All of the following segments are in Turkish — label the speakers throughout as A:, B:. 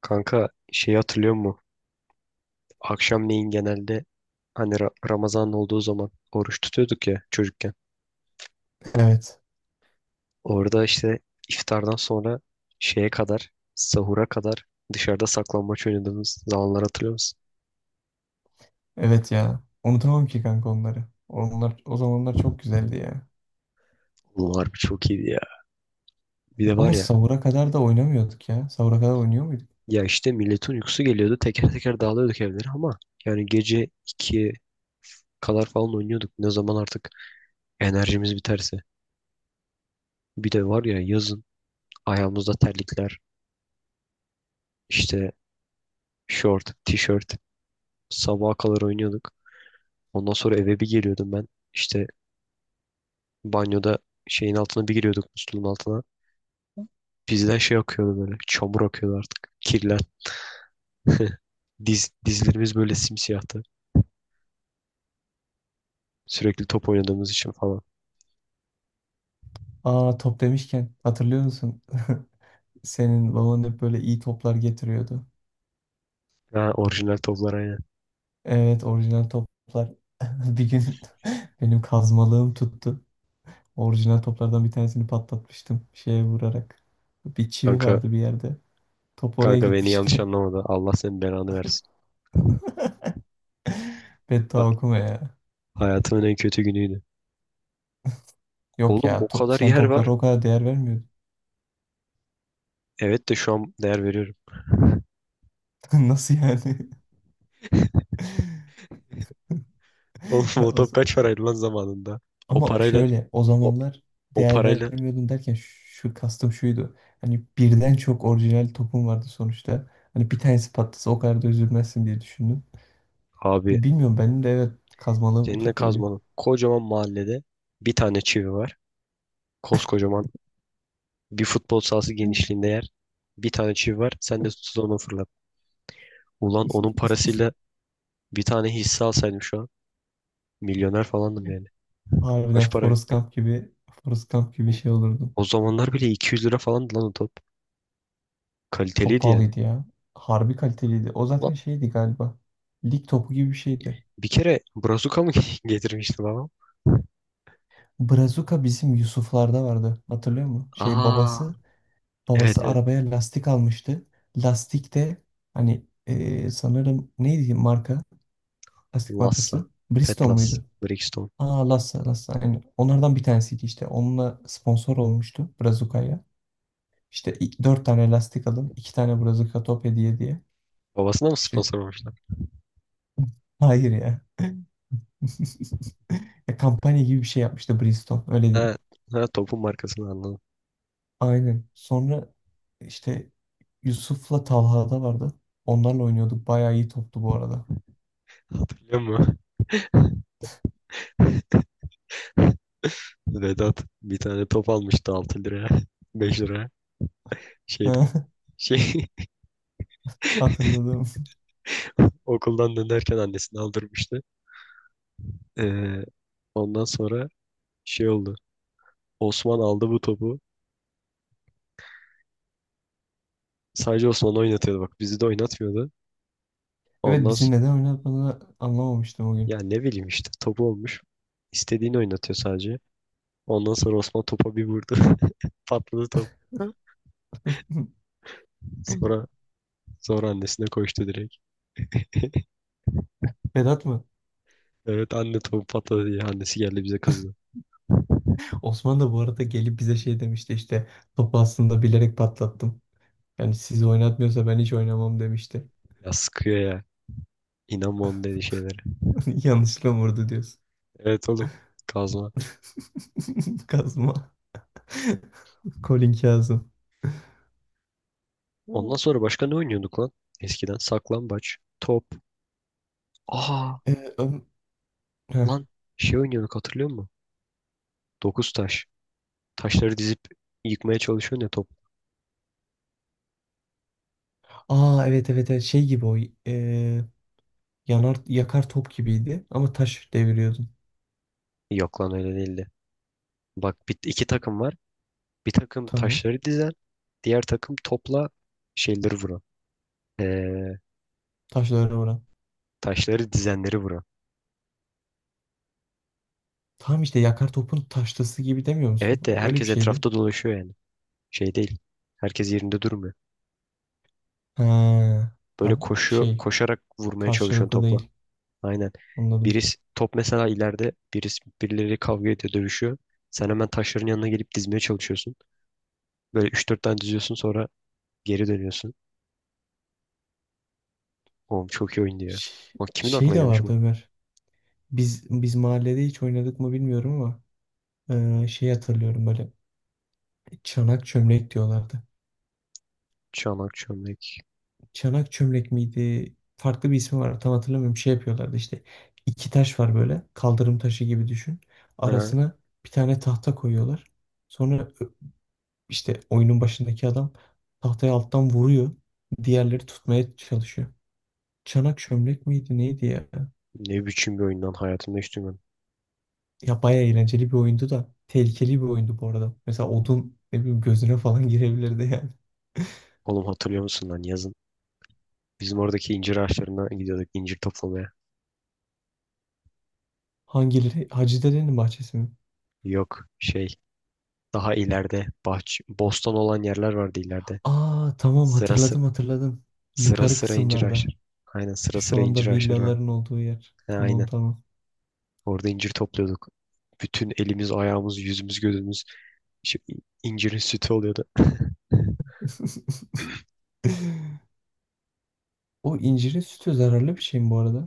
A: Kanka şeyi hatırlıyor musun? Akşamleyin genelde hani Ramazan olduğu zaman oruç tutuyorduk ya çocukken.
B: Evet.
A: Orada işte iftardan sonra şeye kadar, sahura kadar dışarıda saklambaç oynadığımız zamanlar hatırlıyor musun?
B: Evet ya. Unutamam ki kanka onları. Onlar o zamanlar çok güzeldi ya.
A: Oğlum harbi çok iyiydi ya. Bir de var
B: Ama
A: ya,
B: sahura kadar da oynamıyorduk ya. Sahura kadar oynuyor muyduk?
A: ya işte milletin uykusu geliyordu. Teker teker dağılıyorduk evlere ama yani gece 2'ye kadar falan oynuyorduk. Ne zaman artık enerjimiz biterse. Bir de var ya yazın ayağımızda terlikler, işte şort, tişört. Sabaha kadar oynuyorduk. Ondan sonra eve bir geliyordum ben. İşte banyoda şeyin altına bir giriyorduk musluğun altına. Bizden şey akıyordu böyle. Çamur akıyordu artık. Kirler. Dizlerimiz böyle simsiyahtı. Sürekli top oynadığımız için falan.
B: Aa top demişken hatırlıyor musun? Senin baban hep böyle iyi toplar getiriyordu.
A: Ha, orijinal toplar aynen.
B: Evet orijinal toplar. Bir gün benim kazmalığım tuttu. Orijinal toplardan bir tanesini patlatmıştım şeye vurarak. Bir çivi
A: Kanka,
B: vardı bir yerde. Top oraya
A: kanka beni yanlış
B: gitmişti.
A: anlamadı. Allah senin belanı versin.
B: Beddua
A: Ha-
B: okuma ya.
A: Hayatımın en kötü günüydü.
B: Yok
A: Oğlum
B: ya
A: o kadar
B: sen
A: yer var.
B: toplara o kadar değer vermiyordun.
A: Evet de şu an değer veriyorum.
B: Nasıl yani?
A: Oğlum
B: Ya
A: o top kaç paraydı lan zamanında? O
B: ama
A: parayla
B: şöyle o
A: o,
B: zamanlar
A: o
B: değer
A: parayla
B: vermiyordum derken şu kastım şuydu. Hani birden çok orijinal topum vardı sonuçta. Hani bir tanesi patlasa o kadar da üzülmezsin diye düşündüm.
A: abi
B: Bilmiyorum benim de evet kazmalığım
A: seninle
B: tuttu o gün.
A: kazmanın kocaman mahallede bir tane çivi var. Koskocaman bir futbol sahası genişliğinde yer. Bir tane çivi var. Sen de tutsuz onu fırlat. Ulan onun parasıyla bir tane hisse alsaydım şu an. Milyoner falandım yani.
B: Harbiden
A: Kaç para?
B: Forrest Gump gibi Forrest Gump gibi şey olurdu.
A: O zamanlar bile 200 lira falandı lan o top.
B: Çok
A: Kaliteliydi yani.
B: pahalıydı ya. Harbi kaliteliydi. O zaten
A: Lan
B: şeydi galiba. Lig topu gibi bir şeydi.
A: bir kere Brazuka mı getirmişti babam?
B: Brazuka bizim Yusuflarda vardı. Hatırlıyor musun? Şey
A: Aa
B: babası
A: evet
B: babası
A: evet.
B: arabaya lastik almıştı. Lastik de hani sanırım neydi marka? Lastik
A: Lassa.
B: markası. Bridgestone
A: Petlas.
B: muydu?
A: Brixton.
B: Aa Lassa Lassa aynen. Onlardan bir tanesiydi işte. Onunla sponsor olmuştu Brazuka'ya. İşte 4 tane lastik alın. 2 tane Brazuka top hediye diye.
A: Babasına mı
B: İşte
A: sponsor olmuşlar?
B: hayır ya. Ya kampanya gibi bir şey yapmıştı Bridgestone. Öyle diyeyim.
A: Ha, ha topun markasını anladım.
B: Aynen. Sonra işte Yusuf'la Talha'da vardı. Onlarla oynuyorduk. Bayağı iyi toptu bu arada.
A: Hatırlıyor musun? Vedat bir tane top almıştı 6 liraya. 5 liraya. Şeyden. Şey.
B: Hatırladım.
A: Okuldan dönerken annesini aldırmıştı. Ee, ondan sonra şey oldu. Osman aldı bu topu. Sadece Osman oynatıyordu bak. Bizi de oynatmıyordu.
B: Evet
A: Ondan
B: bizi
A: sonra
B: neden oynatmadığını anlamamıştım o gün.
A: ya ne bileyim işte topu olmuş. İstediğini oynatıyor sadece. Ondan sonra Osman topa bir vurdu. Patladı top. Sonra sonra annesine koştu direkt.
B: Vedat mı?
A: Evet anne topu patladı diye annesi geldi bize kızdı.
B: Osman da bu arada gelip bize şey demişti işte topu aslında bilerek patlattım. Yani sizi oynatmıyorsa ben hiç oynamam demişti.
A: Ya sıkıyor ya. İnanma onun dediği şeylere.
B: Yanlışlıkla vurdu diyorsun.
A: Evet oğlum. Kazma.
B: Kazma. Colin Kazım.
A: Ondan sonra başka ne oynuyorduk lan? Eskiden saklambaç, top. Aa
B: Ee, ön- Heh.
A: lan şey oynuyorduk hatırlıyor musun? Dokuz taş. Taşları dizip yıkmaya çalışıyorsun ya top.
B: Aa evet evet evet şey gibi o e, yanar yakar top gibiydi ama taş deviriyordun.
A: Yok lan öyle değildi. Bak bir, iki takım var. Bir takım
B: Tamam.
A: taşları dizen. Diğer takım topla şeyleri vuran. Ee,
B: Taşlara vuran.
A: taşları dizenleri vuran.
B: Tamam işte yakar topun taşlısı gibi demiyor musun?
A: Evet de
B: O öyle
A: herkes
B: bir şeydi.
A: etrafta dolaşıyor yani. Şey değil. Herkes yerinde durmuyor.
B: Ha,
A: Böyle
B: ya
A: koşuyor,
B: şey
A: koşarak vurmaya çalışıyorsun
B: karşılıklı
A: topla.
B: değil.
A: Aynen.
B: Anladım.
A: Birisi top mesela ileride birisi birileri kavga ediyor, dövüşüyor. Sen hemen taşların yanına gelip dizmeye çalışıyorsun. Böyle üç dört tane diziyorsun sonra geri dönüyorsun. Oğlum çok iyi oyun diyor.
B: Şey,
A: Bak kimin
B: şey
A: aklına
B: de
A: gelmiş
B: vardı
A: bu?
B: Ömer. Biz mahallede hiç oynadık mı bilmiyorum ama şey hatırlıyorum böyle çanak çömlek diyorlardı.
A: Çanak çömlek.
B: Çanak çömlek miydi? Farklı bir ismi var tam hatırlamıyorum. Şey yapıyorlardı işte iki taş var böyle kaldırım taşı gibi düşün.
A: Ha,
B: Arasına bir tane tahta koyuyorlar. Sonra işte oyunun başındaki adam tahtayı alttan vuruyor. Diğerleri tutmaya çalışıyor. Çanak çömlek miydi neydi ya?
A: ne biçim bir oyundan hayatımda hiç duymadım.
B: Ya bayağı eğlenceli bir oyundu da tehlikeli bir oyundu bu arada. Mesela odun ne bileyim gözüne falan girebilirdi yani.
A: Oğlum hatırlıyor musun lan yazın? Bizim oradaki incir ağaçlarına gidiyorduk incir toplamaya.
B: Hangileri? Hacı Dede'nin bahçesi mi?
A: Yok şey daha ileride bahçe, bostan olan yerler vardı ileride.
B: Aa tamam
A: Sıra sıra
B: hatırladım hatırladım.
A: sıra
B: Yukarı
A: sıra incir
B: kısımlarda.
A: ağaçları. Aynen sıra
B: Şu
A: sıra incir
B: anda
A: ağaçları vardı.
B: villaların olduğu yer.
A: Ha,
B: Tamam
A: aynen.
B: tamam.
A: Orada incir topluyorduk. Bütün elimiz, ayağımız, yüzümüz, gözümüz şey, incirin sütü oluyordu.
B: O incirin sütü zararlı bir şey mi bu arada?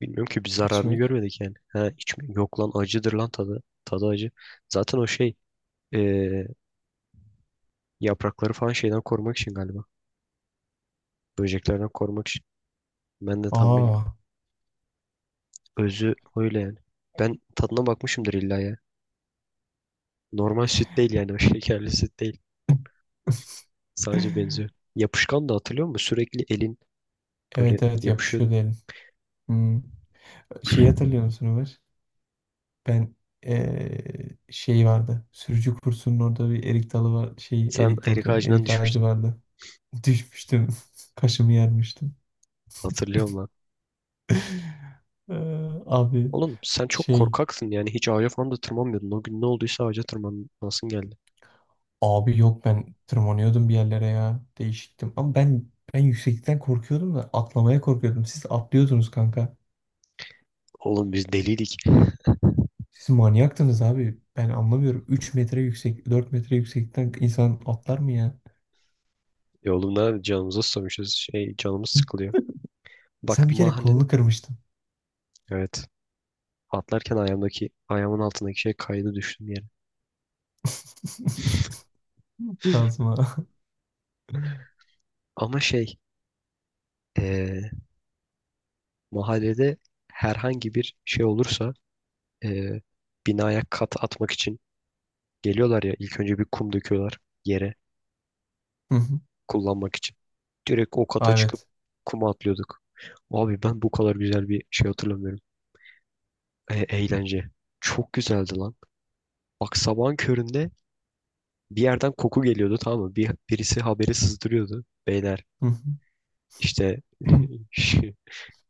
A: Bilmiyorum ki bir zararını
B: İçmek.
A: görmedik yani. Ha, hiç mi? Yok lan acıdır lan tadı. Tadı acı. Zaten o şey, eee, yaprakları falan şeyden korumak için galiba. Böceklerden korumak için. Ben de tam bilmiyorum.
B: Aa
A: Özü öyle yani. Ben tadına bakmışımdır illa ya. Normal süt değil yani o, şekerli süt değil. Sadece benziyor. Yapışkan da hatırlıyor musun? Sürekli elin böyle
B: evet evet
A: yapışıyordu.
B: yapışıyordu elin. Hmm. Şeyi hatırlıyor musun Ömer? Ben şey vardı. Sürücü kursunun orada bir erik dalı var. Şey
A: Sen
B: erik dalı
A: erik
B: diyorum.
A: ağacından
B: Erik ağacı
A: düşmüştün.
B: vardı. Düşmüştüm. Kaşımı yermiştim.
A: Hatırlıyorum.
B: Abi
A: Oğlum sen çok
B: şey
A: korkaksın yani hiç ağaca falan da tırmanmıyordun. O gün ne olduysa ağaca tırmanasın geldi.
B: abi yok ben tırmanıyordum bir yerlere ya. Değişiktim. Ama ben yükseklikten korkuyordum da atlamaya korkuyordum. Siz atlıyordunuz kanka.
A: Oğlum biz deliydik.
B: Siz manyaktınız abi. Ben anlamıyorum. 3 metre yüksek, 4 metre yükseklikten insan atlar mı ya?
A: E oğlum ne canımıza susamışız. Şey canımız sıkılıyor. Bak
B: Sen bir kere
A: mahallede.
B: kolunu kırmıştın.
A: Evet. Atlarken ayağımın altındaki şey kaydı düştüm yere.
B: Kazma. Hı
A: Ama şey, eee, mahallede herhangi bir şey olursa eee binaya kat atmak için geliyorlar ya ilk önce bir kum döküyorlar yere
B: hı.
A: kullanmak için. Direkt o kata
B: Aa,
A: çıkıp
B: evet.
A: kuma atlıyorduk. Abi ben bu kadar güzel bir şey hatırlamıyorum. E, eğlence. Çok güzeldi lan. Bak sabahın köründe bir yerden koku geliyordu tamam mı? Birisi haberi sızdırıyordu. Beyler
B: Hı hı.
A: işte
B: Hı
A: şu,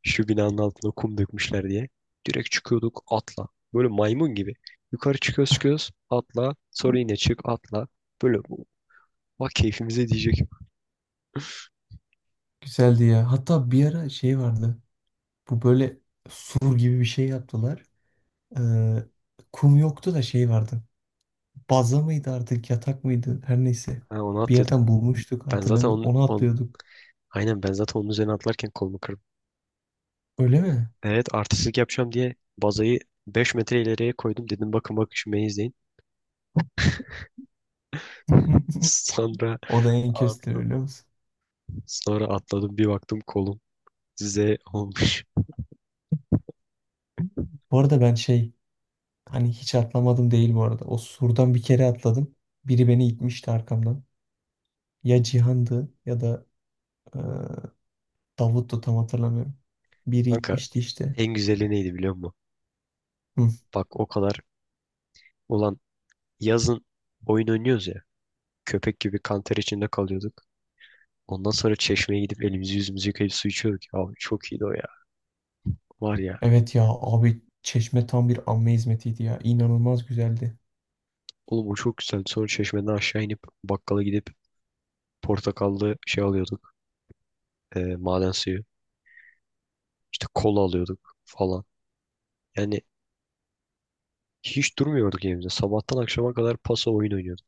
A: şu binanın altına kum dökmüşler diye. Direkt çıkıyorduk atla. Böyle maymun gibi. Yukarı çıkıyoruz çıkıyoruz atla. Sonra
B: hı.
A: yine çık atla. Böyle bak keyfimize diyecek.
B: Güzeldi ya. Hatta bir ara şey vardı. Bu böyle sur gibi bir şey yaptılar. Ee, kum yoktu da şey vardı. Baza mıydı artık yatak mıydı? Her neyse.
A: Ha, onu
B: Bir
A: atladık.
B: yerden bulmuştuk
A: Ben zaten
B: hatırlamıyorum. Onu atlıyorduk.
A: aynen ben zaten onun üzerine atlarken kolumu kırdım.
B: Öyle mi?
A: Evet artistlik yapacağım diye bazayı 5 metre ileriye koydum. Dedim bakın bakın şu beni izleyin. Sonra
B: O da en köstü
A: Atla-
B: biliyor musun?
A: sonra atladım bir baktım kolum Z olmuş.
B: Bu arada ben şey hani hiç atlamadım değil bu arada. O surdan bir kere atladım. Biri beni itmişti arkamdan. Ya Cihan'dı ya da Davut'tu tam hatırlamıyorum. Biri
A: Kanka
B: gitmişti işte.
A: en güzeli neydi biliyor musun?
B: Hı.
A: Bak o kadar ulan yazın oyun oynuyoruz ya. Köpek gibi kanter içinde kalıyorduk. Ondan sonra çeşmeye gidip elimizi yüzümüzü yıkayıp su içiyorduk. Abi çok iyiydi o ya. Var ya.
B: Evet ya abi Çeşme tam bir amme hizmetiydi ya. İnanılmaz güzeldi.
A: Oğlum o çok güzel. Sonra çeşmeden aşağı inip bakkala gidip portakallı şey alıyorduk. E, maden suyu. İşte kola alıyorduk falan. Yani hiç durmuyorduk evimizde. Sabahtan akşama kadar pasa oyun oynuyorduk.